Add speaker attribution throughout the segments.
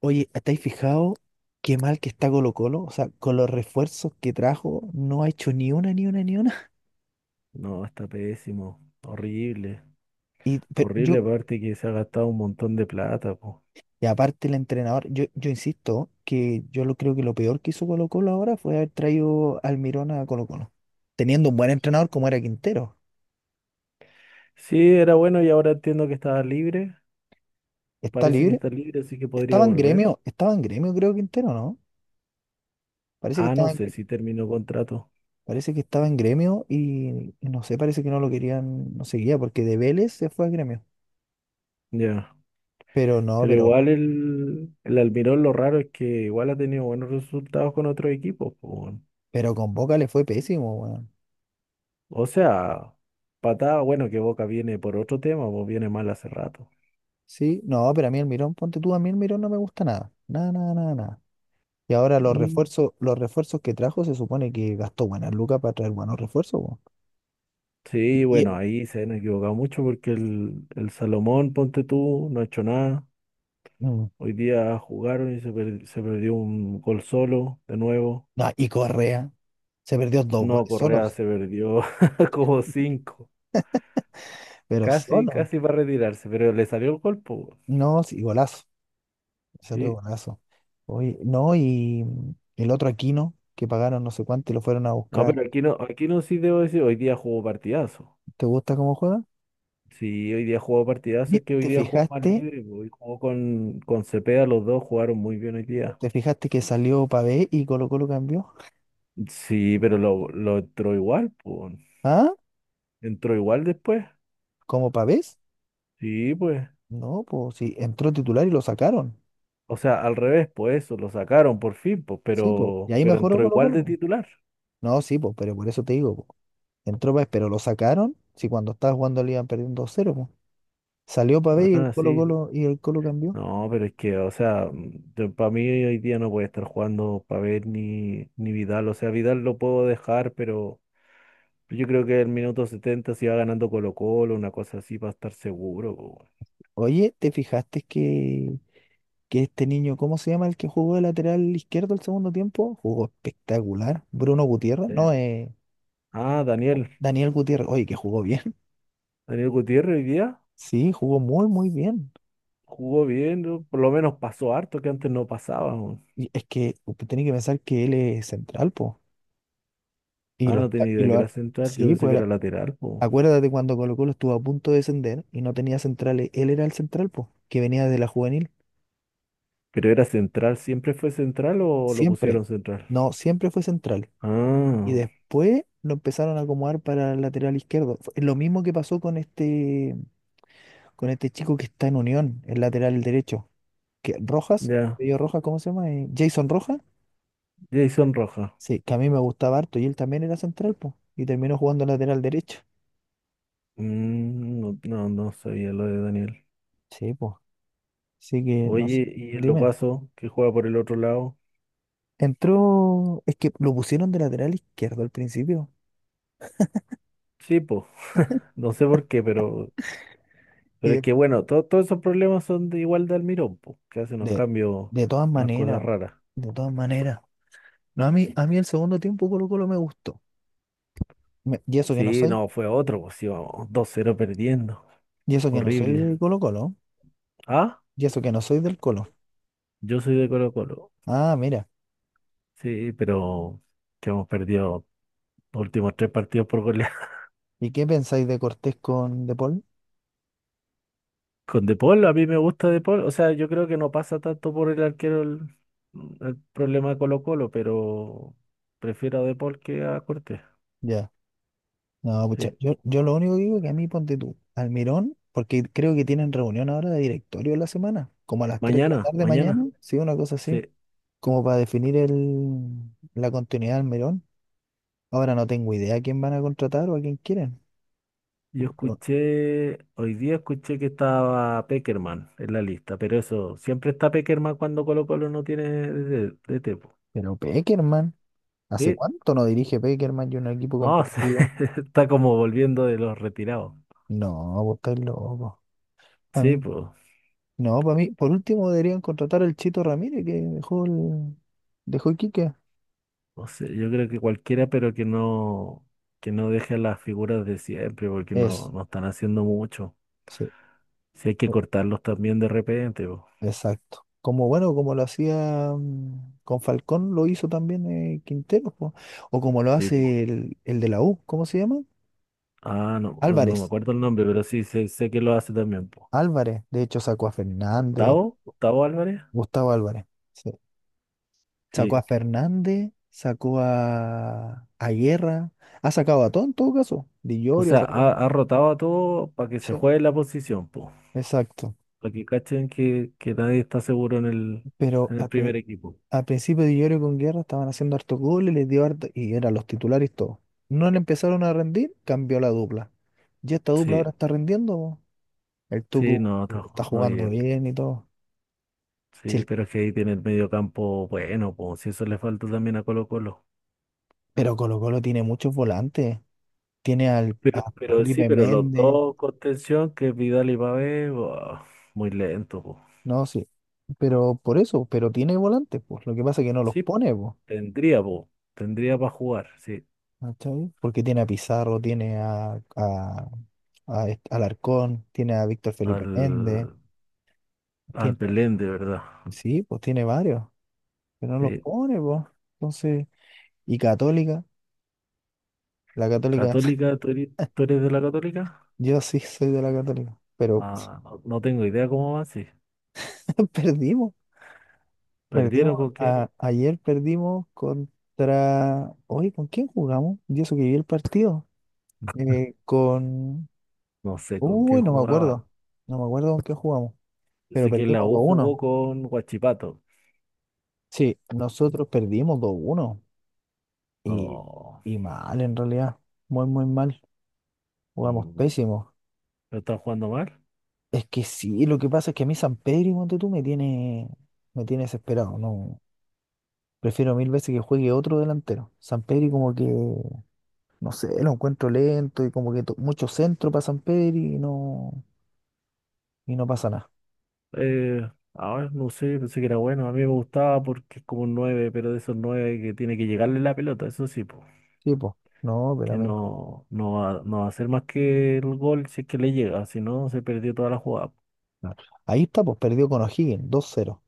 Speaker 1: Oye, ¿estáis fijado qué mal que está Colo Colo? O sea, con los refuerzos que trajo, no ha hecho ni una, ni una, ni una.
Speaker 2: No, está pésimo. Horrible. Horrible,
Speaker 1: Sí.
Speaker 2: aparte que se ha gastado un montón de plata, po.
Speaker 1: Y aparte el entrenador, yo insisto que yo lo creo que lo peor que hizo Colo Colo ahora fue haber traído al Mirón a Colo Colo. Teniendo un buen entrenador como era Quintero.
Speaker 2: Sí, era bueno y ahora entiendo que estaba libre.
Speaker 1: Está
Speaker 2: Parece que
Speaker 1: libre.
Speaker 2: está libre, así que podría
Speaker 1: Estaba en
Speaker 2: volver.
Speaker 1: gremio, estaba en gremio, creo Quintero, ¿no? Parece que
Speaker 2: Ah, no
Speaker 1: estaba en,
Speaker 2: sé si terminó contrato.
Speaker 1: Parece que estaba en gremio y no sé, parece que no lo querían, no seguía, porque de Vélez se fue a gremio.
Speaker 2: Ya.
Speaker 1: Pero no,
Speaker 2: Pero igual el Almirón, lo raro es que igual ha tenido buenos resultados con otros equipos, po, weón.
Speaker 1: pero con Boca le fue pésimo, weón.
Speaker 2: O sea, patada, bueno, que Boca viene por otro tema, pues viene mal hace rato.
Speaker 1: Sí, no, pero a mí el Mirón, ponte tú, a mí el Mirón no me gusta nada. Nada, nada, nada, nada. Y ahora los
Speaker 2: Mm,
Speaker 1: refuerzos, los refuerzos que trajo se supone que gastó buenas lucas para traer buenos refuerzos, weón.
Speaker 2: sí,
Speaker 1: Y,
Speaker 2: bueno, ahí se han equivocado mucho porque el Salomón, ponte tú, no ha hecho nada.
Speaker 1: mm,
Speaker 2: Hoy día jugaron y se, se perdió un gol solo, de nuevo.
Speaker 1: no, y Correa se perdió dos
Speaker 2: No,
Speaker 1: goles
Speaker 2: Correa
Speaker 1: solos,
Speaker 2: se perdió como cinco.
Speaker 1: pero
Speaker 2: Casi,
Speaker 1: solo.
Speaker 2: casi va a retirarse, pero le salió el gol, po.
Speaker 1: No, sí, golazo. Salió
Speaker 2: Sí.
Speaker 1: golazo. Oye, no, y el otro Aquino, que pagaron no sé cuánto y lo fueron a
Speaker 2: No,
Speaker 1: buscar.
Speaker 2: pero aquí no, aquí no, sí debo decir, hoy día jugó partidazo.
Speaker 1: ¿Te gusta cómo juega?
Speaker 2: Sí, hoy día jugó partidazo,
Speaker 1: ¿Y
Speaker 2: es que hoy
Speaker 1: ¿Te
Speaker 2: día jugó más
Speaker 1: fijaste?
Speaker 2: libre, po. Hoy jugó con Cepeda, los dos jugaron muy bien hoy día.
Speaker 1: ¿Te fijaste que salió Pavé y Colo Colo cambió?
Speaker 2: Sí, pero lo entró igual, pues.
Speaker 1: ¿Ah?
Speaker 2: Entró igual después.
Speaker 1: ¿Como Pavés?
Speaker 2: Sí, pues.
Speaker 1: No, pues sí, entró titular y lo sacaron.
Speaker 2: O sea, al revés, pues eso, lo sacaron por fin, pues,
Speaker 1: Sí, pues. Y ahí
Speaker 2: pero
Speaker 1: mejoró
Speaker 2: entró igual de
Speaker 1: Colo-Colo.
Speaker 2: titular.
Speaker 1: No, sí, pues, pero por eso te digo, po. Entró Pavés, pero lo sacaron. Si cuando estaba jugando le iban perdiendo dos 0 po. Salió Pavés y el
Speaker 2: Ah, sí.
Speaker 1: Colo-Colo y el Colo cambió.
Speaker 2: No, pero es que, o sea, para mí hoy día no puede estar jugando Pavel ni Vidal. O sea, Vidal lo puedo dejar, pero yo creo que el minuto 70, si va ganando Colo-Colo, una cosa así, para estar seguro, po.
Speaker 1: Oye, ¿te fijaste que este niño, ¿cómo se llama el que jugó de lateral izquierdo el segundo tiempo? Jugó espectacular. Bruno Gutiérrez,
Speaker 2: Weón.
Speaker 1: no,
Speaker 2: Ah, Daniel.
Speaker 1: Daniel Gutiérrez. Oye, que jugó bien.
Speaker 2: Daniel Gutiérrez hoy día
Speaker 1: Sí, jugó muy, muy bien.
Speaker 2: jugó bien, ¿no? Por lo menos pasó harto, que antes no pasaba, po.
Speaker 1: Y es que usted tiene que pensar que él es central, pues. Y
Speaker 2: Ah,
Speaker 1: lo,
Speaker 2: no
Speaker 1: está-
Speaker 2: tenía
Speaker 1: y
Speaker 2: idea que
Speaker 1: lo,
Speaker 2: era central, yo
Speaker 1: sí,
Speaker 2: pensé
Speaker 1: pues
Speaker 2: que era lateral, pues.
Speaker 1: acuérdate cuando Colo Colo estuvo a punto de descender y no tenía centrales, él era el central, pues, que venía de la juvenil,
Speaker 2: Creo era central. ¿Siempre fue central o lo
Speaker 1: siempre,
Speaker 2: pusieron central?
Speaker 1: no, siempre fue central. Y
Speaker 2: Ah,
Speaker 1: después lo empezaron a acomodar para el lateral izquierdo. Fue lo mismo que pasó con este chico que está en Unión, el lateral derecho, que Rojas,
Speaker 2: ya.
Speaker 1: apellido Rojas, ¿cómo se llama? Jason Rojas,
Speaker 2: Jason Roja.
Speaker 1: sí, que a mí me gustaba harto y él también era central, pues, y terminó jugando lateral derecho.
Speaker 2: Mm, no sabía lo de Daniel.
Speaker 1: Sí, pues, así que, no sé,
Speaker 2: Oye, ¿y el
Speaker 1: dime.
Speaker 2: Opaso, que juega por el otro lado?
Speaker 1: Entró, es que lo pusieron de lateral izquierdo al principio.
Speaker 2: Sí, po. No sé por qué,
Speaker 1: Y
Speaker 2: pero es
Speaker 1: de,
Speaker 2: que bueno, todos esos problemas son de igual de Almirón, po, que hace unos
Speaker 1: de
Speaker 2: cambios,
Speaker 1: de todas
Speaker 2: unas cosas
Speaker 1: maneras,
Speaker 2: raras.
Speaker 1: de todas maneras. No, a mí el segundo tiempo Colo Colo me gustó. Me- y eso que no
Speaker 2: Sí,
Speaker 1: soy,
Speaker 2: no, fue otro, pues íbamos dos cero perdiendo.
Speaker 1: y eso que no soy
Speaker 2: Horrible.
Speaker 1: de Colo Colo,
Speaker 2: Ah,
Speaker 1: y eso que no soy del Colo.
Speaker 2: yo soy de Colo Colo.
Speaker 1: Ah, mira.
Speaker 2: Sí, pero que hemos perdido los últimos tres partidos por gol.
Speaker 1: ¿Y qué pensáis de Cortés con De Paul?
Speaker 2: Con De Paul, a mí me gusta De Paul. O sea, yo creo que no pasa tanto por el arquero el problema de Colo-Colo, pero prefiero a De Paul que a Cortés.
Speaker 1: Ya. No, pucha,
Speaker 2: Sí.
Speaker 1: yo lo único que digo que a mí ponte tú, Almirón, porque creo que tienen reunión ahora de directorio la semana, como a las 3 de la
Speaker 2: Mañana,
Speaker 1: tarde
Speaker 2: mañana.
Speaker 1: mañana, sí, una cosa así,
Speaker 2: Sí.
Speaker 1: como para definir el, la continuidad de Almirón. Ahora no tengo idea a quién van a contratar o a quién quieren.
Speaker 2: Yo
Speaker 1: Pero,
Speaker 2: escuché, hoy día escuché que estaba Peckerman en la lista, pero eso, siempre está Peckerman cuando Colo-Colo no tiene tipo.
Speaker 1: pero Pekerman, ¿hace
Speaker 2: ¿Sí?
Speaker 1: cuánto no dirige Pekerman y un equipo
Speaker 2: No,
Speaker 1: competitivo?
Speaker 2: está como volviendo de los retirados.
Speaker 1: No, vos estás loco. A
Speaker 2: Sí,
Speaker 1: mí,
Speaker 2: pues.
Speaker 1: no, para mí, por último deberían contratar al Chito Ramírez que dejó Iquique.
Speaker 2: No sé, yo creo que cualquiera, pero que no deje a las figuras de siempre, porque
Speaker 1: Es,
Speaker 2: no están haciendo mucho.
Speaker 1: sí,
Speaker 2: Si hay que
Speaker 1: o-
Speaker 2: cortarlos también de repente, po.
Speaker 1: exacto. Como bueno, como lo hacía con Falcón, lo hizo también Quintero, po. O como lo
Speaker 2: Sí, po.
Speaker 1: hace el de la U, ¿cómo se llama?
Speaker 2: Ah, no, no me
Speaker 1: Álvarez.
Speaker 2: acuerdo el nombre, pero sí sé, sé que lo hace también, po.
Speaker 1: Álvarez, de hecho sacó a Fernández,
Speaker 2: ¿Octavo? ¿Octavo Álvarez?
Speaker 1: Gustavo Álvarez. Sí. Sacó a
Speaker 2: Sí.
Speaker 1: Fernández, sacó a Guerra, ha sacado a todo en todo caso. Di
Speaker 2: O
Speaker 1: Llorio ha
Speaker 2: sea, ha,
Speaker 1: sacado.
Speaker 2: ha rotado a todo para que se
Speaker 1: Sí,
Speaker 2: juegue la posición, po.
Speaker 1: exacto.
Speaker 2: Para que cachen que nadie está seguro en
Speaker 1: Pero
Speaker 2: en el primer equipo.
Speaker 1: al principio Di Llorio con Guerra estaban haciendo harto goles, les dio harto, y eran los titulares todos. No le empezaron a rendir, cambió la dupla. Y esta dupla ahora
Speaker 2: Sí,
Speaker 1: está rendiendo. Po. El
Speaker 2: sí,
Speaker 1: Tucu
Speaker 2: no, está
Speaker 1: está
Speaker 2: jugando
Speaker 1: jugando
Speaker 2: bien.
Speaker 1: bien y todo. Sí,
Speaker 2: Sí,
Speaker 1: el-
Speaker 2: pero es que ahí tiene el medio campo bueno, pues si eso le falta también a Colo Colo.
Speaker 1: pero Colo Colo tiene muchos volantes. Tiene al,
Speaker 2: Pero,
Speaker 1: a
Speaker 2: pero sí,
Speaker 1: Felipe
Speaker 2: pero los
Speaker 1: Méndez,
Speaker 2: dos contención, que es Vidal y Pavés, buah, muy lento, pues.
Speaker 1: no, sí. Pero por eso, pero tiene volantes, pues. Lo que pasa es que no los
Speaker 2: Sí,
Speaker 1: pone, pues.
Speaker 2: tendría, pues, tendría para jugar, sí,
Speaker 1: ¿Cachai? Porque tiene a Pizarro, tiene a, Alarcón, tiene a Víctor Felipe Méndez,
Speaker 2: al, al
Speaker 1: tiene,
Speaker 2: Belén, de verdad.
Speaker 1: sí, pues tiene varios, pero no los
Speaker 2: Sí.
Speaker 1: pone, pues. Entonces, y Católica, la Católica,
Speaker 2: Católica, tú eres de la Católica?
Speaker 1: yo sí soy de la Católica, pero
Speaker 2: Ah, no, no tengo idea cómo va, sí.
Speaker 1: perdimos,
Speaker 2: ¿Perdieron con qué?
Speaker 1: ayer perdimos contra, oye, ¿con quién jugamos? Yo eso que vi el partido, eh, con,
Speaker 2: No sé con qué
Speaker 1: uy, no me
Speaker 2: jugaba.
Speaker 1: acuerdo, no me acuerdo con qué jugamos,
Speaker 2: Yo
Speaker 1: pero
Speaker 2: sé que la
Speaker 1: perdimos
Speaker 2: U
Speaker 1: dos
Speaker 2: jugó
Speaker 1: uno,
Speaker 2: con Guachipato.
Speaker 1: Sí, nosotros perdimos 2-1. Y,
Speaker 2: No,
Speaker 1: y mal, en realidad. Muy, muy mal. Jugamos
Speaker 2: mm,
Speaker 1: pésimo.
Speaker 2: ¿no están jugando mal?
Speaker 1: Es que sí, lo que pasa es que a mí San Pedro, ponte tú, me tiene desesperado. No, prefiero mil veces que juegue otro delantero. San Pedro como que, no sé, lo encuentro lento y como que mucho centro para San Pedro y no pasa nada.
Speaker 2: Eh, a ver, no sé, pensé que era bueno. A mí me gustaba porque es como un 9, pero de esos 9 que tiene que llegarle la pelota, eso sí, pues.
Speaker 1: Sí, pues. No, pero a
Speaker 2: Que
Speaker 1: mí no.
Speaker 2: no, no va, no va a hacer más que el gol si es que le llega, si no, se perdió toda la jugada.
Speaker 1: No. Ahí está, pues perdió con O'Higgins, 2-0.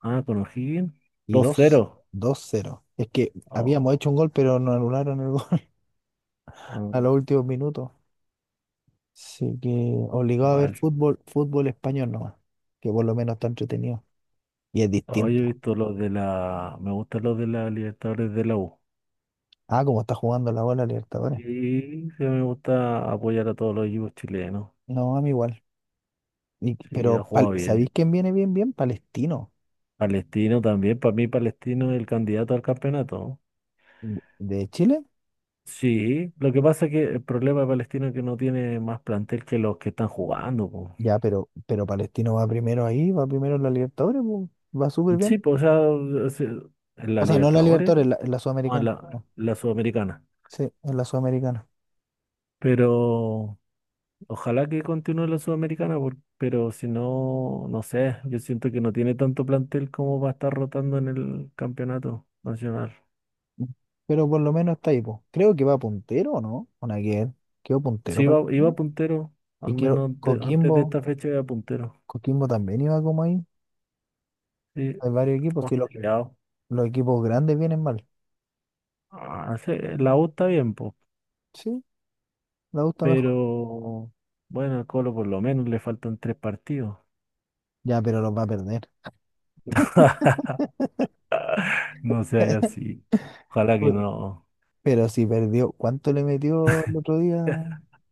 Speaker 2: Ah, con O'Higgins.
Speaker 1: Y
Speaker 2: 2-0.
Speaker 1: 2-0. Es que
Speaker 2: Oh,
Speaker 1: habíamos hecho un gol, pero nos anularon el gol
Speaker 2: oh,
Speaker 1: a los
Speaker 2: ah,
Speaker 1: últimos minutos. Así que
Speaker 2: qué
Speaker 1: obligado a ver
Speaker 2: mal.
Speaker 1: fútbol, fútbol español nomás, que por lo menos está entretenido y es
Speaker 2: Hoy he
Speaker 1: distinto.
Speaker 2: visto los de la. Me gustan los de la Libertadores de la U.
Speaker 1: Ah, como está jugando la bola
Speaker 2: Y
Speaker 1: Libertadores.
Speaker 2: sí, me gusta apoyar a todos los equipos chilenos.
Speaker 1: No, a mí igual.
Speaker 2: Sí, ha jugado
Speaker 1: ¿Sabéis
Speaker 2: bien.
Speaker 1: quién viene bien, bien? Palestino.
Speaker 2: Palestino también, para mí Palestino es el candidato al campeonato.
Speaker 1: ¿De Chile?
Speaker 2: Sí, lo que pasa es que el problema de Palestina es que no tiene más plantel que los que están jugando, po.
Speaker 1: Ya, pero Palestino va primero ahí, va primero en la Libertadores, pues, va súper
Speaker 2: Sí,
Speaker 1: bien.
Speaker 2: pues, o sea, en
Speaker 1: O
Speaker 2: la
Speaker 1: sea, no en la
Speaker 2: Libertadores,
Speaker 1: Libertadores, en la
Speaker 2: no, en
Speaker 1: Sudamericana. No.
Speaker 2: la Sudamericana.
Speaker 1: Sí, en la Sudamericana.
Speaker 2: Pero ojalá que continúe la Sudamericana, pero si no, no sé, yo siento que no tiene tanto plantel como va a estar rotando en el campeonato nacional.
Speaker 1: Pero por lo menos está ahí, pues. Creo que va puntero, ¿o ¿no? Con aquel. Quedó puntero
Speaker 2: Sí, iba
Speaker 1: Palestino.
Speaker 2: puntero,
Speaker 1: Y
Speaker 2: al
Speaker 1: quiero,
Speaker 2: menos antes de
Speaker 1: Coquimbo,
Speaker 2: esta fecha iba puntero.
Speaker 1: Coquimbo también iba como ahí.
Speaker 2: Sí,
Speaker 1: Hay varios
Speaker 2: está
Speaker 1: equipos, si
Speaker 2: más
Speaker 1: los,
Speaker 2: peleado.
Speaker 1: los equipos grandes vienen mal.
Speaker 2: Ah, sí, la U está bien, pues.
Speaker 1: Sí, me gusta mejor.
Speaker 2: Pero bueno, al Colo por lo menos le faltan tres partidos.
Speaker 1: Ya, pero los va a perder.
Speaker 2: No se haya así. Ojalá que
Speaker 1: Uy,
Speaker 2: no.
Speaker 1: pero si perdió, ¿cuánto le metió el otro día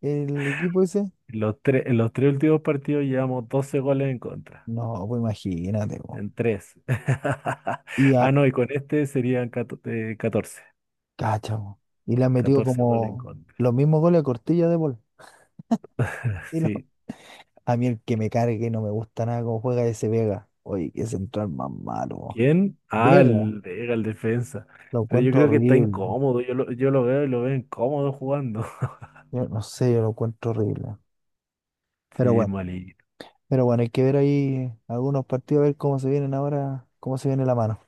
Speaker 1: el equipo ese?
Speaker 2: En los tres últimos partidos llevamos 12 goles en contra.
Speaker 1: No, pues imagínate, po.
Speaker 2: En tres.
Speaker 1: Y a,
Speaker 2: Ah, no, y con este serían 14.
Speaker 1: cacha, po. Y le han metido
Speaker 2: 14 goles en
Speaker 1: como
Speaker 2: contra.
Speaker 1: los mismos goles a Cortilla de Paul. Y lo-
Speaker 2: Sí.
Speaker 1: a mí el que me cargue no me gusta nada cómo juega ese Vega. Oye, qué central más malo. Po.
Speaker 2: ¿Quién? Ah,
Speaker 1: Vega,
Speaker 2: el Vega, el defensa.
Speaker 1: lo
Speaker 2: Pero yo
Speaker 1: encuentro
Speaker 2: creo que está
Speaker 1: horrible.
Speaker 2: incómodo. Yo lo veo y lo veo incómodo jugando.
Speaker 1: Yo no sé, yo lo encuentro horrible. Pero
Speaker 2: Sí, es
Speaker 1: bueno.
Speaker 2: malito.
Speaker 1: Pero bueno, hay que ver ahí algunos partidos, a ver cómo se vienen ahora, cómo se viene la mano.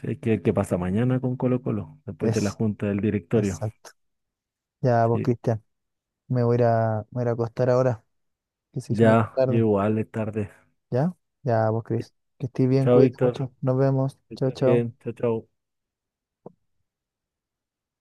Speaker 2: Sí, ¿qué, qué pasa mañana con Colo Colo? Después de la
Speaker 1: Es,
Speaker 2: junta del directorio.
Speaker 1: exacto. Ya vos,
Speaker 2: Sí,
Speaker 1: Cristian, me voy a ir a acostar ahora, que se hizo muy
Speaker 2: ya, yo
Speaker 1: tarde.
Speaker 2: igual es tarde.
Speaker 1: ¿Ya? Ya vos, Cris. Que estés bien,
Speaker 2: Chao,
Speaker 1: cuídate
Speaker 2: Víctor.
Speaker 1: mucho. Nos vemos.
Speaker 2: Que
Speaker 1: Chao,
Speaker 2: estés
Speaker 1: chao.
Speaker 2: bien, chao, chao.